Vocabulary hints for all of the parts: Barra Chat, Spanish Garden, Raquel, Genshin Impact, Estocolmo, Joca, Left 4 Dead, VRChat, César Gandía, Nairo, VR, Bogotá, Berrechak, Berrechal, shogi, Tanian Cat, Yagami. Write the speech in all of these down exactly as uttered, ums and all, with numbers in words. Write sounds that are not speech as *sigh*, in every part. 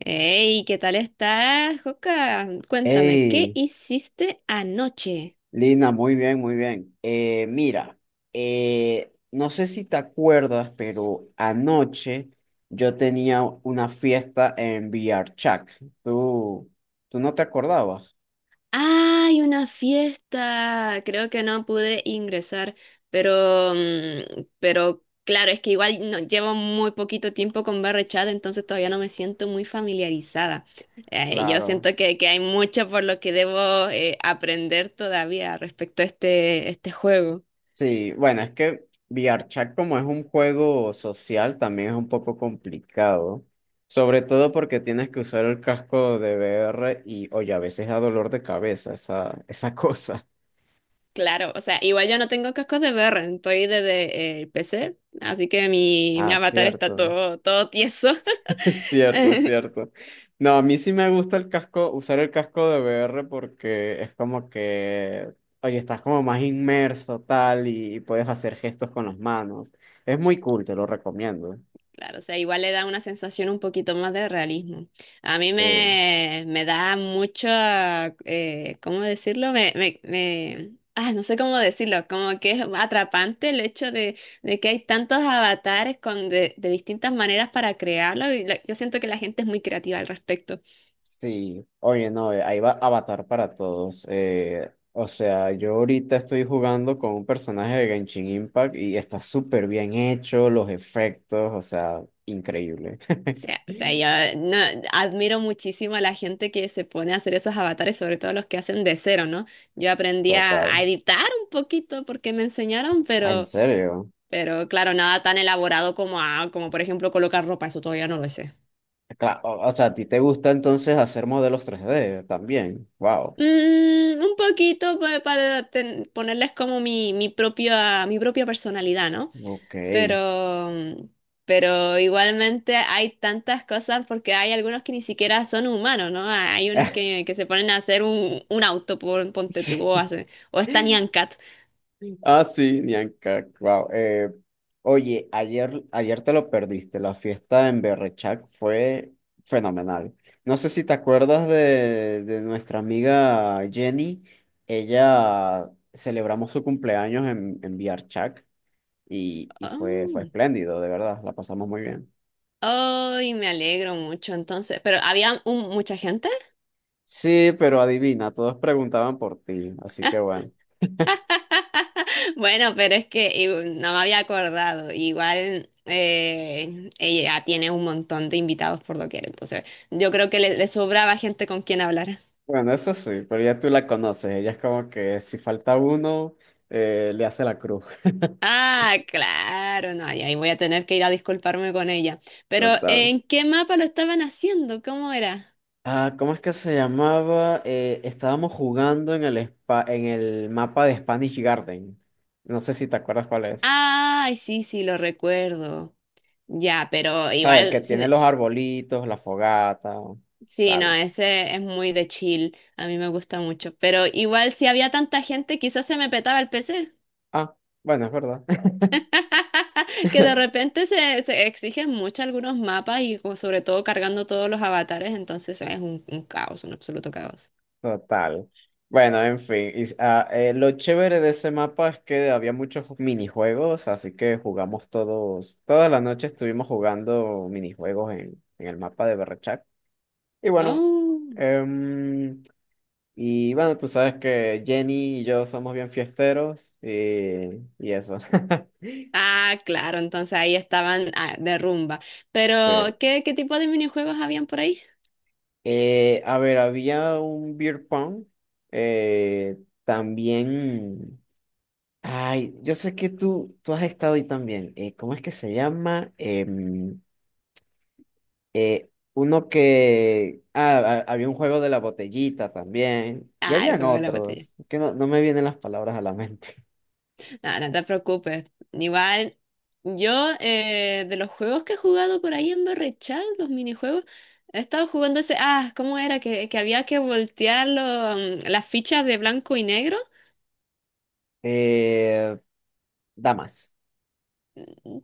Hey, ¿qué tal estás, Joca? Cuéntame, ¿qué Hey, hiciste anoche? Lina, muy bien, muy bien. Eh, mira, eh, no sé si te acuerdas, pero anoche yo tenía una fiesta en VRChat. ¿Tú, ¿tú no te acordabas? ¡Ay, una fiesta! Creo que no pude ingresar, pero, mm, pero claro, es que igual no, llevo muy poquito tiempo con Barra Chat, entonces todavía no me siento muy familiarizada. Eh, yo Claro. siento que, que hay mucho por lo que debo eh, aprender todavía respecto a este, este juego. Sí, bueno, es que VRChat como es un juego social, también es un poco complicado. Sobre todo porque tienes que usar el casco de V R y, oye, a veces da dolor de cabeza esa, esa *laughs* cosa. Claro, o sea, igual yo no tengo cascos de V R, estoy desde eh, el P C, así que mi, mi Ah, avatar está cierto. todo, todo tieso. Es cierto, es *laughs* cierto. No, a mí sí me gusta el casco, usar el casco de V R porque es como que, oye, estás como más inmerso, tal, y, y puedes hacer gestos con las manos. Es muy cool, te lo recomiendo. Claro, o sea, igual le da una sensación un poquito más de realismo. A mí Sí, me, me da mucho, eh, ¿cómo decirlo? Me, me, me- ah, no sé cómo decirlo, como que es atrapante el hecho de, de que hay tantos avatares con, de, de distintas maneras para crearlo y la- yo siento que la gente es muy creativa al respecto. sí. Oye, no, eh, ahí va Avatar para todos. Eh, o sea, yo ahorita estoy jugando con un personaje de Genshin Impact y está súper bien hecho, los efectos, o sea, increíble. O *laughs* sea, o sea, yo no, admiro muchísimo a la gente que se pone a hacer esos avatares, sobre todo los que hacen de cero, ¿no? Yo aprendí a, Total. a editar un poquito porque me enseñaron, Ah, ¿en pero, serio? pero claro, nada tan elaborado como, a- como por ejemplo colocar ropa, eso todavía no lo sé. Cla- O o sea, ¿a ti te gusta entonces hacer modelos tres d también? Wow. Mm, un poquito pa- para ten- ponerles como mi, mi propia, mi propia personalidad, ¿no? Ok. Pero, pero igualmente hay tantas cosas porque hay algunos que ni siquiera son humanos, ¿no? Hay unos *laughs* que, que se ponen a hacer un, un auto, por, ponte tú, Sí. o, hacen, o es Tanian Cat. Ah, sí, Nianca. Wow. Eh, oye, ayer, ayer te lo perdiste. La fiesta en Berrechak fue fenomenal. No sé si te acuerdas de, de nuestra amiga Jenny. Ella celebramos su cumpleaños en, en VRChac y, y fue, fue Oh, espléndido, de verdad. La pasamos muy bien. ay, me alegro mucho entonces. Pero había un- mucha gente. Sí, pero adivina, todos preguntaban por ti, así que bueno. *laughs* Bueno, pero es que eh, no me había acordado. Igual eh, ella tiene un montón de invitados por doquier, entonces yo creo que le, le sobraba gente con quien hablar. Bueno, eso sí, pero ya tú la conoces, ella es como que si falta uno, eh, le hace la cruz. *laughs* Ah, claro, no, y ahí voy a tener que ir a disculparme con ella. Pero, Total. ¿en qué mapa lo estaban haciendo? ¿Cómo era? Ah, ¿cómo es que se llamaba? Eh, estábamos jugando en el spa- en el mapa de Spanish Garden. No sé si te acuerdas cuál es. Ay, sí, sí, lo recuerdo. Ya, pero ¿Sabes? El que igual, sí, tiene de- los arbolitos, la fogata, sí, no, tal. ese es muy de chill, a mí me gusta mucho. Pero igual, si había tanta gente, quizás se me petaba el P C. Ah, bueno, es verdad. *laughs* Que de *laughs* repente se, se exigen mucho algunos mapas y como sobre todo cargando todos los avatares, entonces es un, un caos, un absoluto caos. Total. Bueno, en fin. y s- ah, eh, lo chévere de ese mapa es que había muchos minijuegos, así que jugamos todos, todas las noches estuvimos jugando minijuegos en, en el mapa de Berrechak. Y bueno, Oh. em, y bueno, tú sabes que Jenny y yo somos bien fiesteros y, y eso. *laughs* Ah, claro, entonces ahí estaban ah, de rumba. Sí. Pero, ¿qué, qué tipo de minijuegos habían por ahí? Eh, a ver, había un beer pong. eh, también. Ay, yo sé que tú, tú has estado ahí también. Eh, ¿cómo es que se llama? Em, eh, uno que... Ah, ha- había un juego de la botellita también. Y Ah, el habían juego de la botella. otros. Que no, no me vienen las palabras a la mente. *laughs* No, no te preocupes. Igual, yo eh, de los juegos que he jugado por ahí en Berrechal, los minijuegos, he estado jugando ese. Ah, ¿cómo era? Que, que había que voltear lo- mm, las fichas de blanco y negro Eh, damas.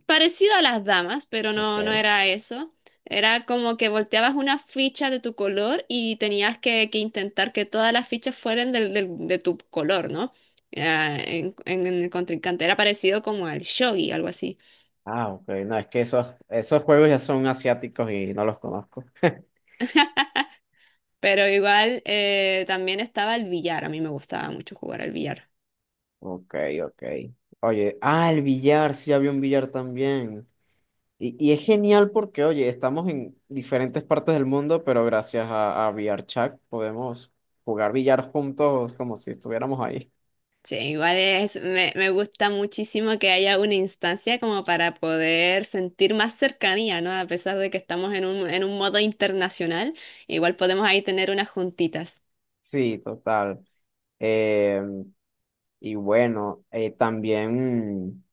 parecido a las damas, pero no, no Ok. era eso. Era como que volteabas una ficha de tu color y tenías que, que intentar que todas las fichas fueran del, del- de tu color, ¿no? Ah, en, en- en el contrincante. Era parecido como al shogi, algo así. Ah, ok. No, es que esos, esos juegos ya son asiáticos y no los conozco. *laughs* Pero igual eh, también estaba el billar. A mí me gustaba mucho jugar al billar. Ok, ok. Oye, ah, el billar. Sí, había un billar también. Y, y es genial porque, oye, estamos en diferentes partes del mundo, pero gracias a, a VRChat podemos jugar billar juntos como si estuviéramos ahí. Sí, igual es, me, me gusta muchísimo que haya una instancia como para poder sentir más cercanía, ¿no? A pesar de que estamos en un, en un modo internacional, igual podemos ahí tener unas juntitas. Sí, total. Eh, y bueno, eh, también,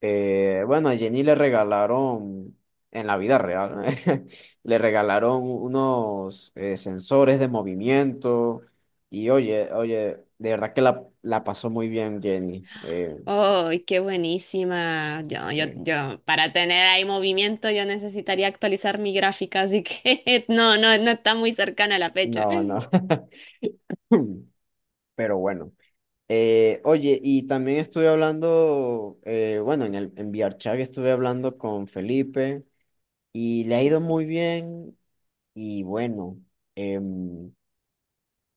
eh, bueno, a Jenny le regalaron, en la vida real, *laughs* le regalaron unos eh, sensores de movimiento. Y oye, oye, de verdad que la, la pasó muy bien Jenny. Eh, ¡Oh, qué buenísima! Yo, yo, sí. Yo, para tener ahí movimiento yo necesitaría actualizar mi gráfica, así que *laughs* no, no, no está muy cercana la fecha. No, no. *laughs* *laughs* Pero bueno. Eh, oye, y también estuve hablando, eh, bueno, en el en VRChat estuve hablando con Felipe y le ha ido muy bien. Y bueno, em,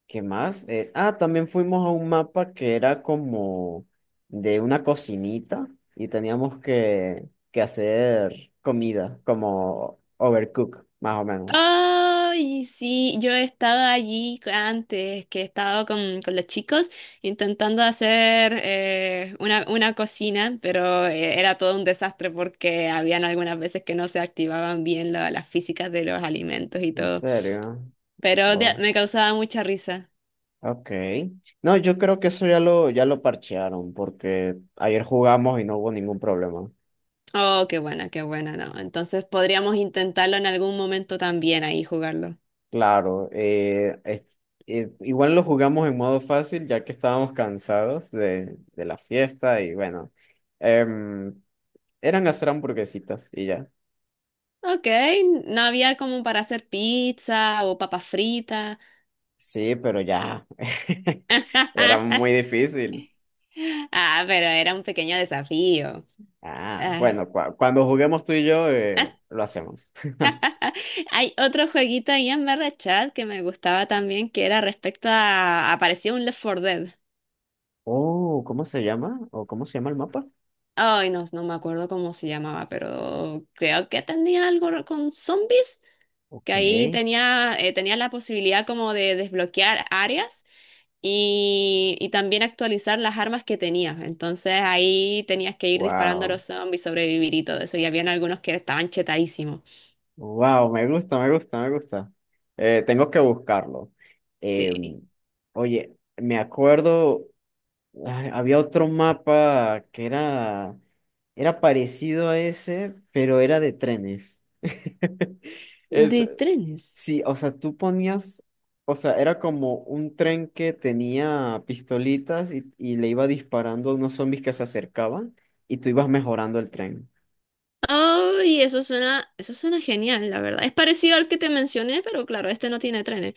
¿qué más? Eh, ah, también fuimos a un mapa que era como de una cocinita y teníamos que, que hacer comida, como overcook, más o menos. Ay, sí, yo he estado allí antes, que he estado con, con los chicos intentando hacer eh, una, una cocina, pero eh, era todo un desastre porque habían algunas veces que no se activaban bien la- las físicas de los alimentos y ¿En todo, serio? pero de- Oh. me causaba mucha risa. Ok. No, yo creo que eso ya lo, ya lo parchearon, porque ayer jugamos y no hubo ningún problema. Oh, qué buena, qué buena, no. Entonces podríamos intentarlo en algún momento también ahí jugarlo. Claro, eh, es- eh, igual lo jugamos en modo fácil, ya que estábamos cansados de, de la fiesta y bueno, em, eran hacer hamburguesitas y ya. Ok, no había como para hacer pizza o papas fritas. Sí, pero ya, *laughs* era *laughs* muy difícil. Ah, pero era un pequeño desafío. Ah, Ah, bueno, cua- cuando juguemos tú y yo, ah, eh, lo hacemos. *laughs* hay otro jueguito ahí en Barra Chat que me gustaba también, que era respecto a... Aparecía un Left four Dead. Oh, ¿cómo se llama? ¿O cómo se llama el mapa? Ay, no, no me acuerdo cómo se llamaba, pero creo que tenía algo con zombies, Ok, que ahí tenía, eh, tenía la posibilidad como de desbloquear áreas y, y también actualizar las armas que tenías. Entonces ahí tenías que ir disparando a wow. los zombies, sobrevivir y todo eso. Y habían algunos que estaban chetadísimos. Wow, me gusta, me gusta, me gusta. Eh, tengo que buscarlo. Eh, Sí. oye, me acuerdo, ay, había otro mapa que era, era parecido a ese, pero era de trenes. *laughs* De Es, trenes. sí, o sea, tú ponías, o sea, era como un tren que tenía pistolitas y, y le iba disparando a unos zombies que se acercaban y tú ibas mejorando el tren. Ay, eso suena, eso suena genial, la verdad. Es parecido al que te mencioné, pero claro, este no tiene trenes.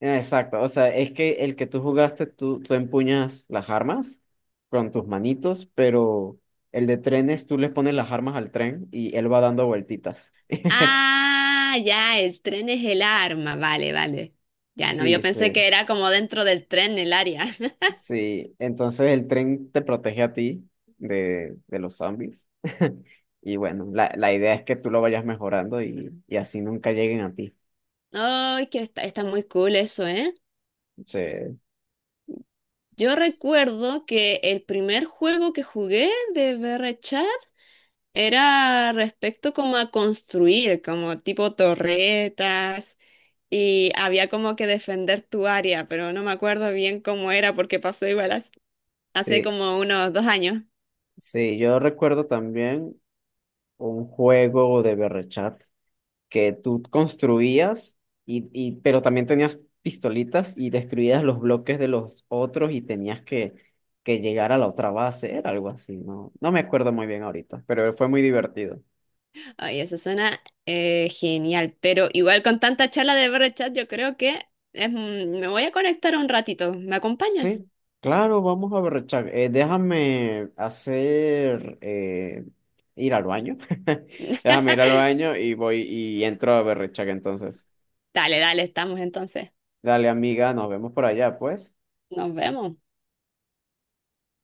Exacto, o sea, es que el que tú jugaste, tú, tú empuñas las armas con tus manitos, pero el de trenes, tú le pones las armas al tren y él va dando vueltitas. *laughs* Ah, ya, el tren es el arma. Vale, vale. Ya no, yo Sí, pensé sí, que era como dentro del tren el área. *laughs* sí. Entonces el tren te protege a ti de, de los zombies. *laughs* Y bueno, la, la idea es que tú lo vayas mejorando y, y así nunca lleguen a ti. Ay, que está, está muy cool eso, ¿eh? Sí, Yo recuerdo que el primer juego que jugué de VRChat era respecto como a construir, como tipo torretas y había como que defender tu área, pero no me acuerdo bien cómo era porque pasó igual hace, hace sí, como unos dos años. sí. Yo recuerdo también un juego de berrechat, que tú construías, y, y, pero también tenías pistolitas y destruías los bloques de los otros y tenías que, que llegar a la otra base, era algo así, no, no me acuerdo muy bien ahorita, pero fue muy divertido. Ay, eso suena eh, genial, pero igual con tanta charla de ver chat yo creo que es un- me voy a conectar un ratito. ¿Me acompañas? Sí, claro, vamos a ver, Chuck, eh, déjame hacer, eh, ir al baño, *laughs* déjame ir al *laughs* baño y voy y entro a Berrechak entonces. Dale, dale, estamos entonces. Dale, amiga, nos vemos por allá, pues. Nos vemos.